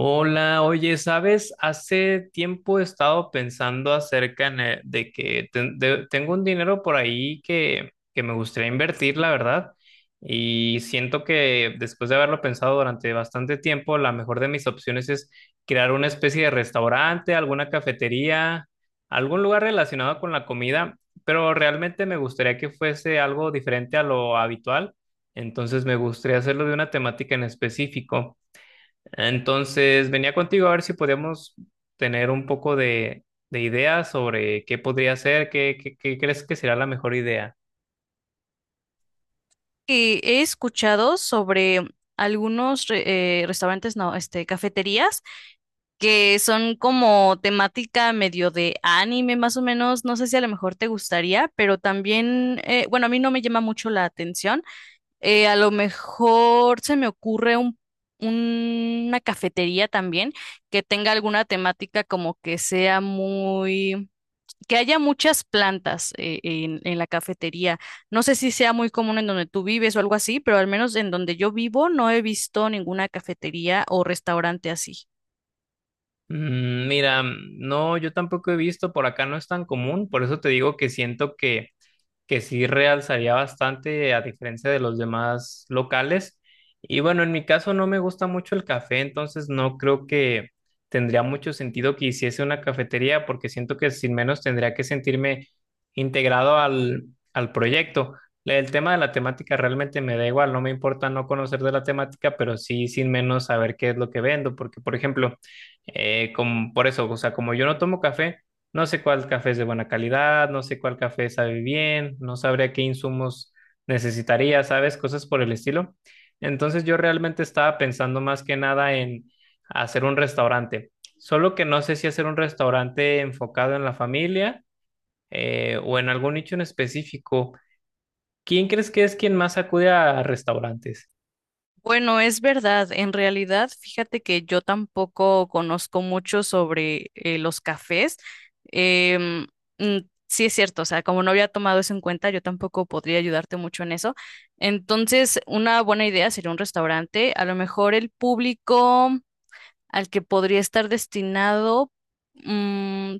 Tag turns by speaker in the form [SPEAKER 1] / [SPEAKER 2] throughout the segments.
[SPEAKER 1] Hola, oye, ¿sabes? Hace tiempo he estado pensando acerca en el- de que ten- de- tengo un dinero por ahí que me gustaría invertir, la verdad, y siento que después de haberlo pensado durante bastante tiempo, la mejor de mis opciones es crear una especie de restaurante, alguna cafetería, algún lugar relacionado con la comida, pero realmente me gustaría que fuese algo diferente a lo habitual, entonces me gustaría hacerlo de una temática en específico. Entonces, venía contigo a ver si podíamos tener un poco de ideas sobre qué podría ser, qué crees que será la mejor idea.
[SPEAKER 2] Que he escuchado sobre algunos restaurantes, no, este, cafeterías que son como temática medio de anime, más o menos. No sé si a lo mejor te gustaría, pero también, bueno, a mí no me llama mucho la atención. A lo mejor se me ocurre un una cafetería también que tenga alguna temática como que sea muy, que haya muchas plantas en la cafetería. No sé si sea muy común en donde tú vives o algo así, pero al menos en donde yo vivo no he visto ninguna cafetería o restaurante así.
[SPEAKER 1] Mm, mira, no, yo tampoco he visto, por acá no es tan común, por eso te digo que siento que sí realzaría bastante a diferencia de los demás locales. Y bueno, en mi caso no me gusta mucho el café, entonces no creo que tendría mucho sentido que hiciese una cafetería porque siento que sin menos tendría que sentirme integrado al proyecto. El tema de la temática realmente me da igual, no me importa no conocer de la temática, pero sí sin menos saber qué es lo que vendo, porque por ejemplo, por eso, o sea, como yo no tomo café, no sé cuál café es de buena calidad, no sé cuál café sabe bien, no sabría qué insumos necesitaría, ¿sabes? Cosas por el estilo. Entonces yo realmente estaba pensando más que nada en hacer un restaurante, solo que no sé si hacer un restaurante enfocado en la familia, o en algún nicho en específico. ¿Quién crees que es quien más acude a restaurantes?
[SPEAKER 2] Bueno, es verdad. En realidad, fíjate que yo tampoco conozco mucho sobre los cafés. Em, mm, sí es cierto, o sea, como no había tomado eso en cuenta, yo tampoco podría ayudarte mucho en eso. Entonces, una buena idea sería un restaurante. A lo mejor el público al que podría estar destinado. mm,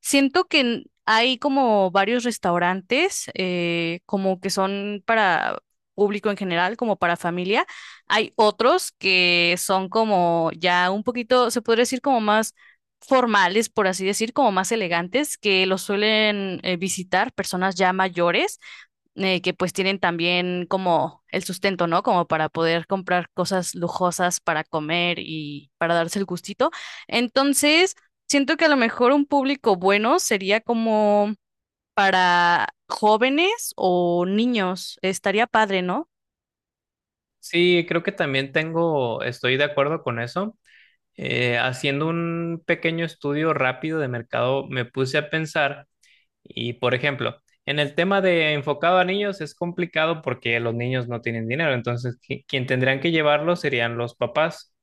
[SPEAKER 2] Siento que hay como varios restaurantes, como que son para público en general, como para familia. Hay otros que son como ya un poquito, se podría decir como más formales, por así decir, como más elegantes, que los suelen visitar personas ya mayores, que pues tienen también como el sustento, ¿no? Como para poder comprar cosas lujosas para comer y para darse el gustito. Entonces, siento que a lo mejor un público bueno sería como para jóvenes o niños. Estaría padre, ¿no?
[SPEAKER 1] Sí, creo que también tengo, estoy de acuerdo con eso. Haciendo un pequeño estudio rápido de mercado, me puse a pensar. Y por ejemplo, en el tema de enfocado a niños es complicado porque los niños no tienen dinero, entonces quien tendrían que llevarlo serían los papás.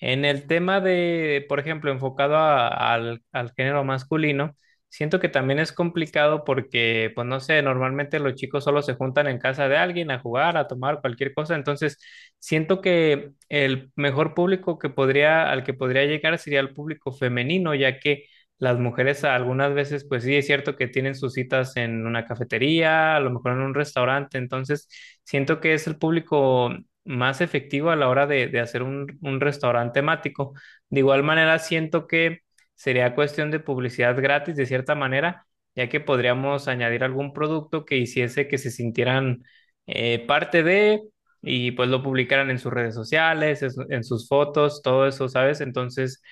[SPEAKER 1] En el tema de, por ejemplo, al género masculino, siento que también es complicado porque, pues no sé, normalmente los chicos solo se juntan en casa de alguien a jugar, a tomar cualquier cosa, entonces siento que el mejor público al que podría llegar sería el público femenino, ya que las mujeres algunas veces, pues sí, es cierto que tienen sus citas en una cafetería, a lo mejor en un restaurante, entonces siento que es el público más efectivo a la hora de hacer un restaurante temático. De igual manera, siento que sería cuestión de publicidad gratis, de cierta manera, ya que podríamos añadir algún producto que hiciese que se sintieran parte de, y pues lo publicaran en sus redes sociales, en sus fotos, todo eso, ¿sabes? Entonces,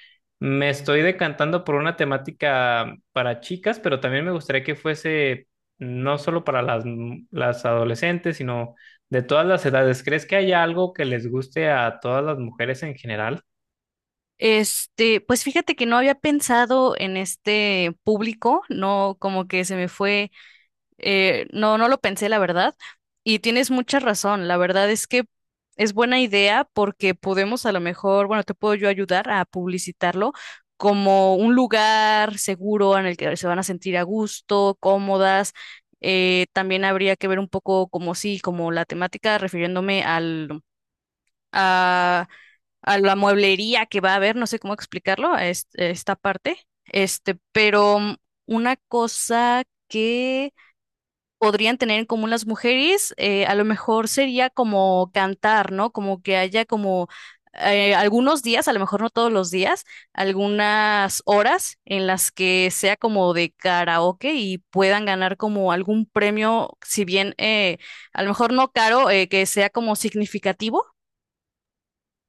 [SPEAKER 1] me estoy decantando por una temática para chicas, pero también me gustaría que fuese no solo para las adolescentes, sino de todas las edades. ¿Crees que haya algo que les guste a todas las mujeres en general?
[SPEAKER 2] Este, pues fíjate que no había pensado en este público, no, como que se me fue. No, no lo pensé, la verdad. Y tienes mucha razón. La verdad es que es buena idea porque podemos a lo mejor, bueno, te puedo yo ayudar a publicitarlo como un lugar seguro en el que se van a sentir a gusto, cómodas. También habría que ver un poco como sí, como la temática, refiriéndome al, a, a la mueblería que va a haber, no sé cómo explicarlo, a esta parte. Este, pero una cosa que podrían tener en común las mujeres, a lo mejor sería como cantar, ¿no? Como que haya como algunos días, a lo mejor no todos los días, algunas horas en las que sea como de karaoke y puedan ganar como algún premio, si bien a lo mejor no caro, que sea como significativo,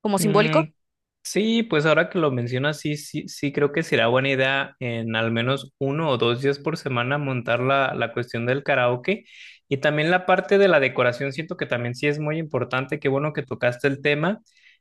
[SPEAKER 2] como simbólico.
[SPEAKER 1] Mm, sí, pues ahora que lo mencionas, sí creo que será buena idea en al menos uno o dos días por semana montar la cuestión del karaoke, y también la parte de la decoración, siento que también sí es muy importante, qué bueno que tocaste el tema.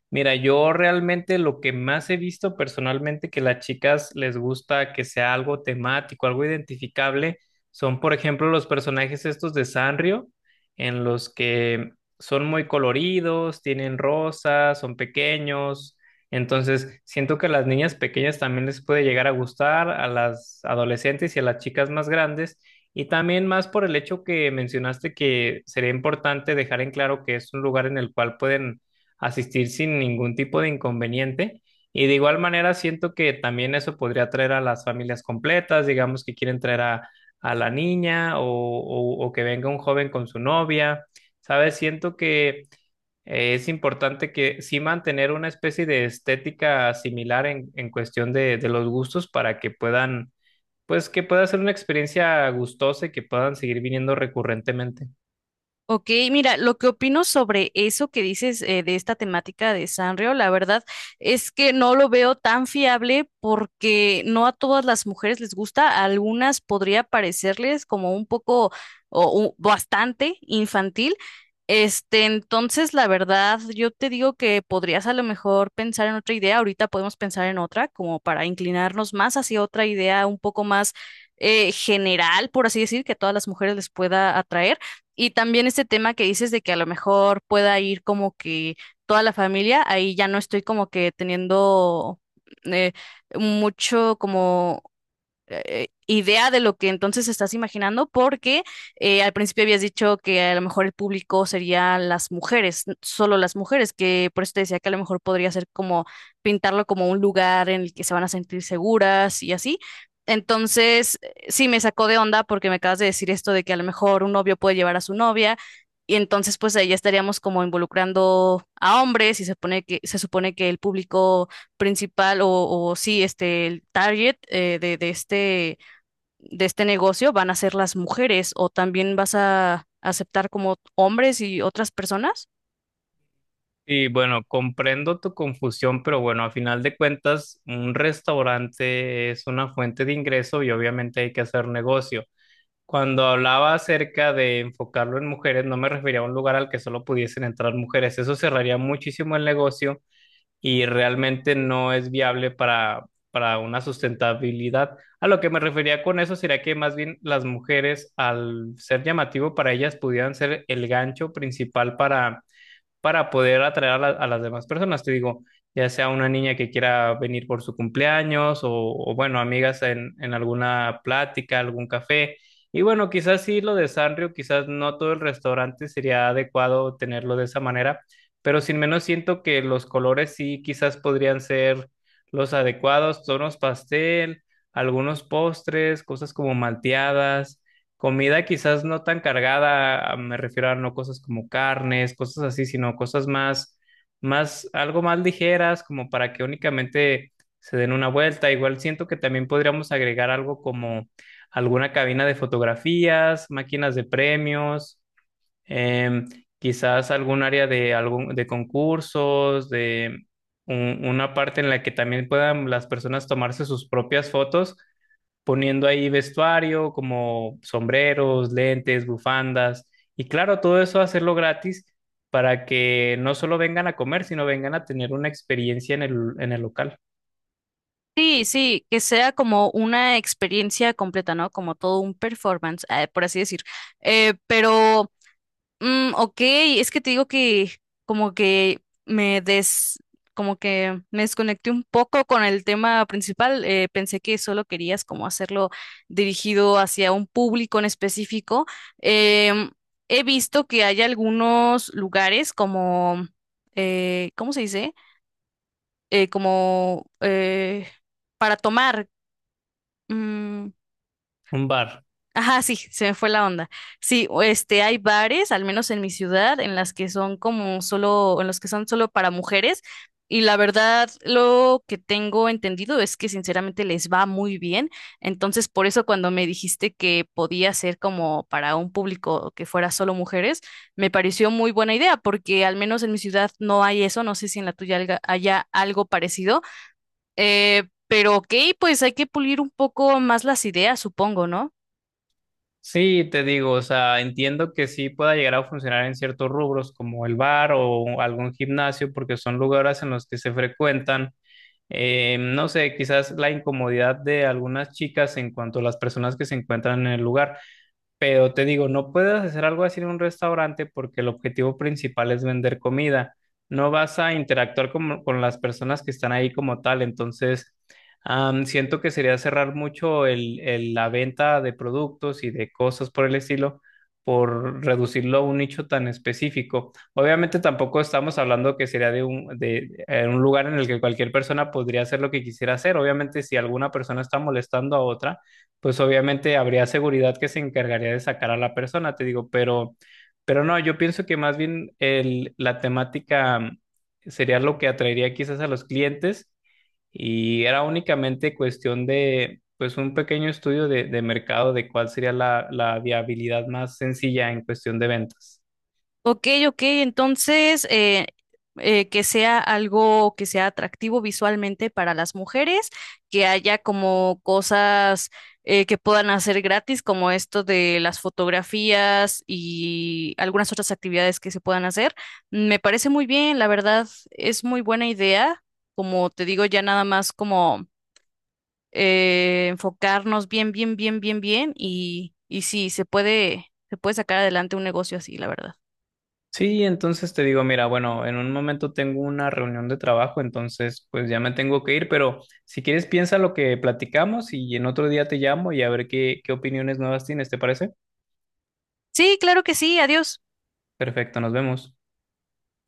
[SPEAKER 1] Mira, yo realmente lo que más he visto personalmente que las chicas les gusta que sea algo temático, algo identificable, son por ejemplo los personajes estos de Sanrio, en los que son muy coloridos, tienen rosas, son pequeños, entonces, siento que a las niñas pequeñas también les puede llegar a gustar, a las adolescentes y a las chicas más grandes, y también más por el hecho que mencionaste que sería importante dejar en claro que es un lugar en el cual pueden asistir sin ningún tipo de inconveniente. Y de igual manera, siento que también eso podría traer a las familias completas, digamos que quieren traer a la niña, o que venga un joven con su novia, ¿sabes? Siento que... Es importante que sí mantener una especie de estética similar en cuestión de los gustos para que puedan, pues que pueda ser una experiencia gustosa y que puedan seguir viniendo recurrentemente.
[SPEAKER 2] Ok, mira, lo que opino sobre eso que dices, de esta temática de Sanrio, la verdad es que no lo veo tan fiable porque no a todas las mujeres les gusta, a algunas podría parecerles como un poco o bastante infantil. Este, entonces, la verdad, yo te digo que podrías a lo mejor pensar en otra idea. Ahorita podemos pensar en otra, como para inclinarnos más hacia otra idea un poco más general, por así decir, que a todas las mujeres les pueda atraer. Y también este tema que dices de que a lo mejor pueda ir como que toda la familia, ahí ya no estoy como que teniendo eh, mucho como idea de lo que entonces estás imaginando, porque al principio habías dicho que a lo mejor el público sería las mujeres, solo las mujeres, que por eso te decía que a lo mejor podría ser como pintarlo como un lugar en el que se van a sentir seguras y así. Entonces, sí me sacó de onda porque me acabas de decir esto de que a lo mejor un novio puede llevar a su novia. Y entonces, pues ahí ya estaríamos como involucrando a hombres y se pone que, se supone que el público principal o sí, este, el target, de este negocio, ¿van a ser las mujeres o también vas a aceptar como hombres y otras personas?
[SPEAKER 1] Y bueno, comprendo tu confusión, pero bueno, a final de cuentas, un restaurante es una fuente de ingreso y obviamente hay que hacer negocio. Cuando hablaba acerca de enfocarlo en mujeres, no me refería a un lugar al que solo pudiesen entrar mujeres. Eso cerraría muchísimo el negocio y realmente no es viable para una sustentabilidad. A lo que me refería con eso sería que más bien las mujeres, al ser llamativo para ellas, pudieran ser el gancho principal para poder atraer a las demás personas. Te digo, ya sea una niña que quiera venir por su cumpleaños bueno, amigas en alguna plática, algún café. Y bueno, quizás sí lo de Sanrio, quizás no todo el restaurante sería adecuado tenerlo de esa manera, pero sin menos siento que los colores sí quizás podrían ser los adecuados, tonos pastel, algunos postres, cosas como malteadas. Comida quizás no tan cargada, me refiero a no cosas como carnes, cosas así, sino algo más ligeras, como para que únicamente se den una vuelta. Igual siento que también podríamos agregar algo como alguna cabina de fotografías, máquinas de premios, em, quizás algún área de concursos, de una parte en la que también puedan las personas tomarse sus propias fotos poniendo ahí vestuario como sombreros, lentes, bufandas, y claro, todo eso hacerlo gratis para que no solo vengan a comer, sino vengan a tener una experiencia en en el local.
[SPEAKER 2] Sí, sí, que sea como una experiencia completa, ¿no? Como todo un performance, por así decir. Eh, pero Mm, ok, es que te digo que como que me des, como que me desconecté un poco con el tema principal. Pensé que solo querías como hacerlo dirigido hacia un público en específico. Em, he visto que hay algunos lugares como, ¿cómo se dice? Como para tomar. mm,
[SPEAKER 1] Un bar.
[SPEAKER 2] Ajá, sí, se me fue la onda. Sí, o este, hay bares, al menos en mi ciudad, en las que son como solo, en los que son solo para mujeres. Y la verdad, lo que tengo entendido es que sinceramente les va muy bien. Entonces, por eso cuando me dijiste que podía ser como para un público que fuera solo mujeres, me pareció muy buena idea, porque al menos en mi ciudad no hay eso. No sé si en la tuya haya algo parecido. Pero ok, pues hay que pulir un poco más las ideas, supongo, ¿no?
[SPEAKER 1] Sí, te digo, o sea, entiendo que sí pueda llegar a funcionar en ciertos rubros como el bar o algún gimnasio, porque son lugares en los que se frecuentan. No sé, quizás la incomodidad de algunas chicas en cuanto a las personas que se encuentran en el lugar. Pero te digo, no puedes hacer algo así en un restaurante porque el objetivo principal es vender comida. No vas a interactuar las personas que están ahí como tal. Entonces, siento que sería cerrar mucho la venta de productos y de cosas por el estilo por reducirlo a un nicho tan específico. Obviamente tampoco estamos hablando que sería de un lugar en el que cualquier persona podría hacer lo que quisiera hacer. Obviamente, si alguna persona está molestando a otra, pues obviamente habría seguridad que se encargaría de sacar a la persona, te digo, pero no, yo pienso que más bien la temática sería lo que atraería quizás a los clientes, y era únicamente cuestión de, pues, un pequeño estudio de mercado de cuál sería la viabilidad más sencilla en cuestión de ventas.
[SPEAKER 2] Ok, ok, entonces que sea algo que sea atractivo visualmente para las mujeres, que haya como cosas que puedan hacer gratis, como esto de las fotografías y algunas otras actividades que se puedan hacer. Me parece muy bien, la verdad, es muy buena idea. Como te digo, ya nada más como enfocarnos bien, bien, bien, bien, bien y, sí, se puede sacar adelante un negocio así, la verdad.
[SPEAKER 1] Sí, entonces te digo, mira, bueno, en un momento tengo una reunión de trabajo, entonces pues ya me tengo que ir, pero si quieres piensa lo que platicamos y en otro día te llamo y a ver qué opiniones nuevas tienes, ¿te parece?
[SPEAKER 2] Sí, claro que sí, adiós.
[SPEAKER 1] Perfecto, nos vemos.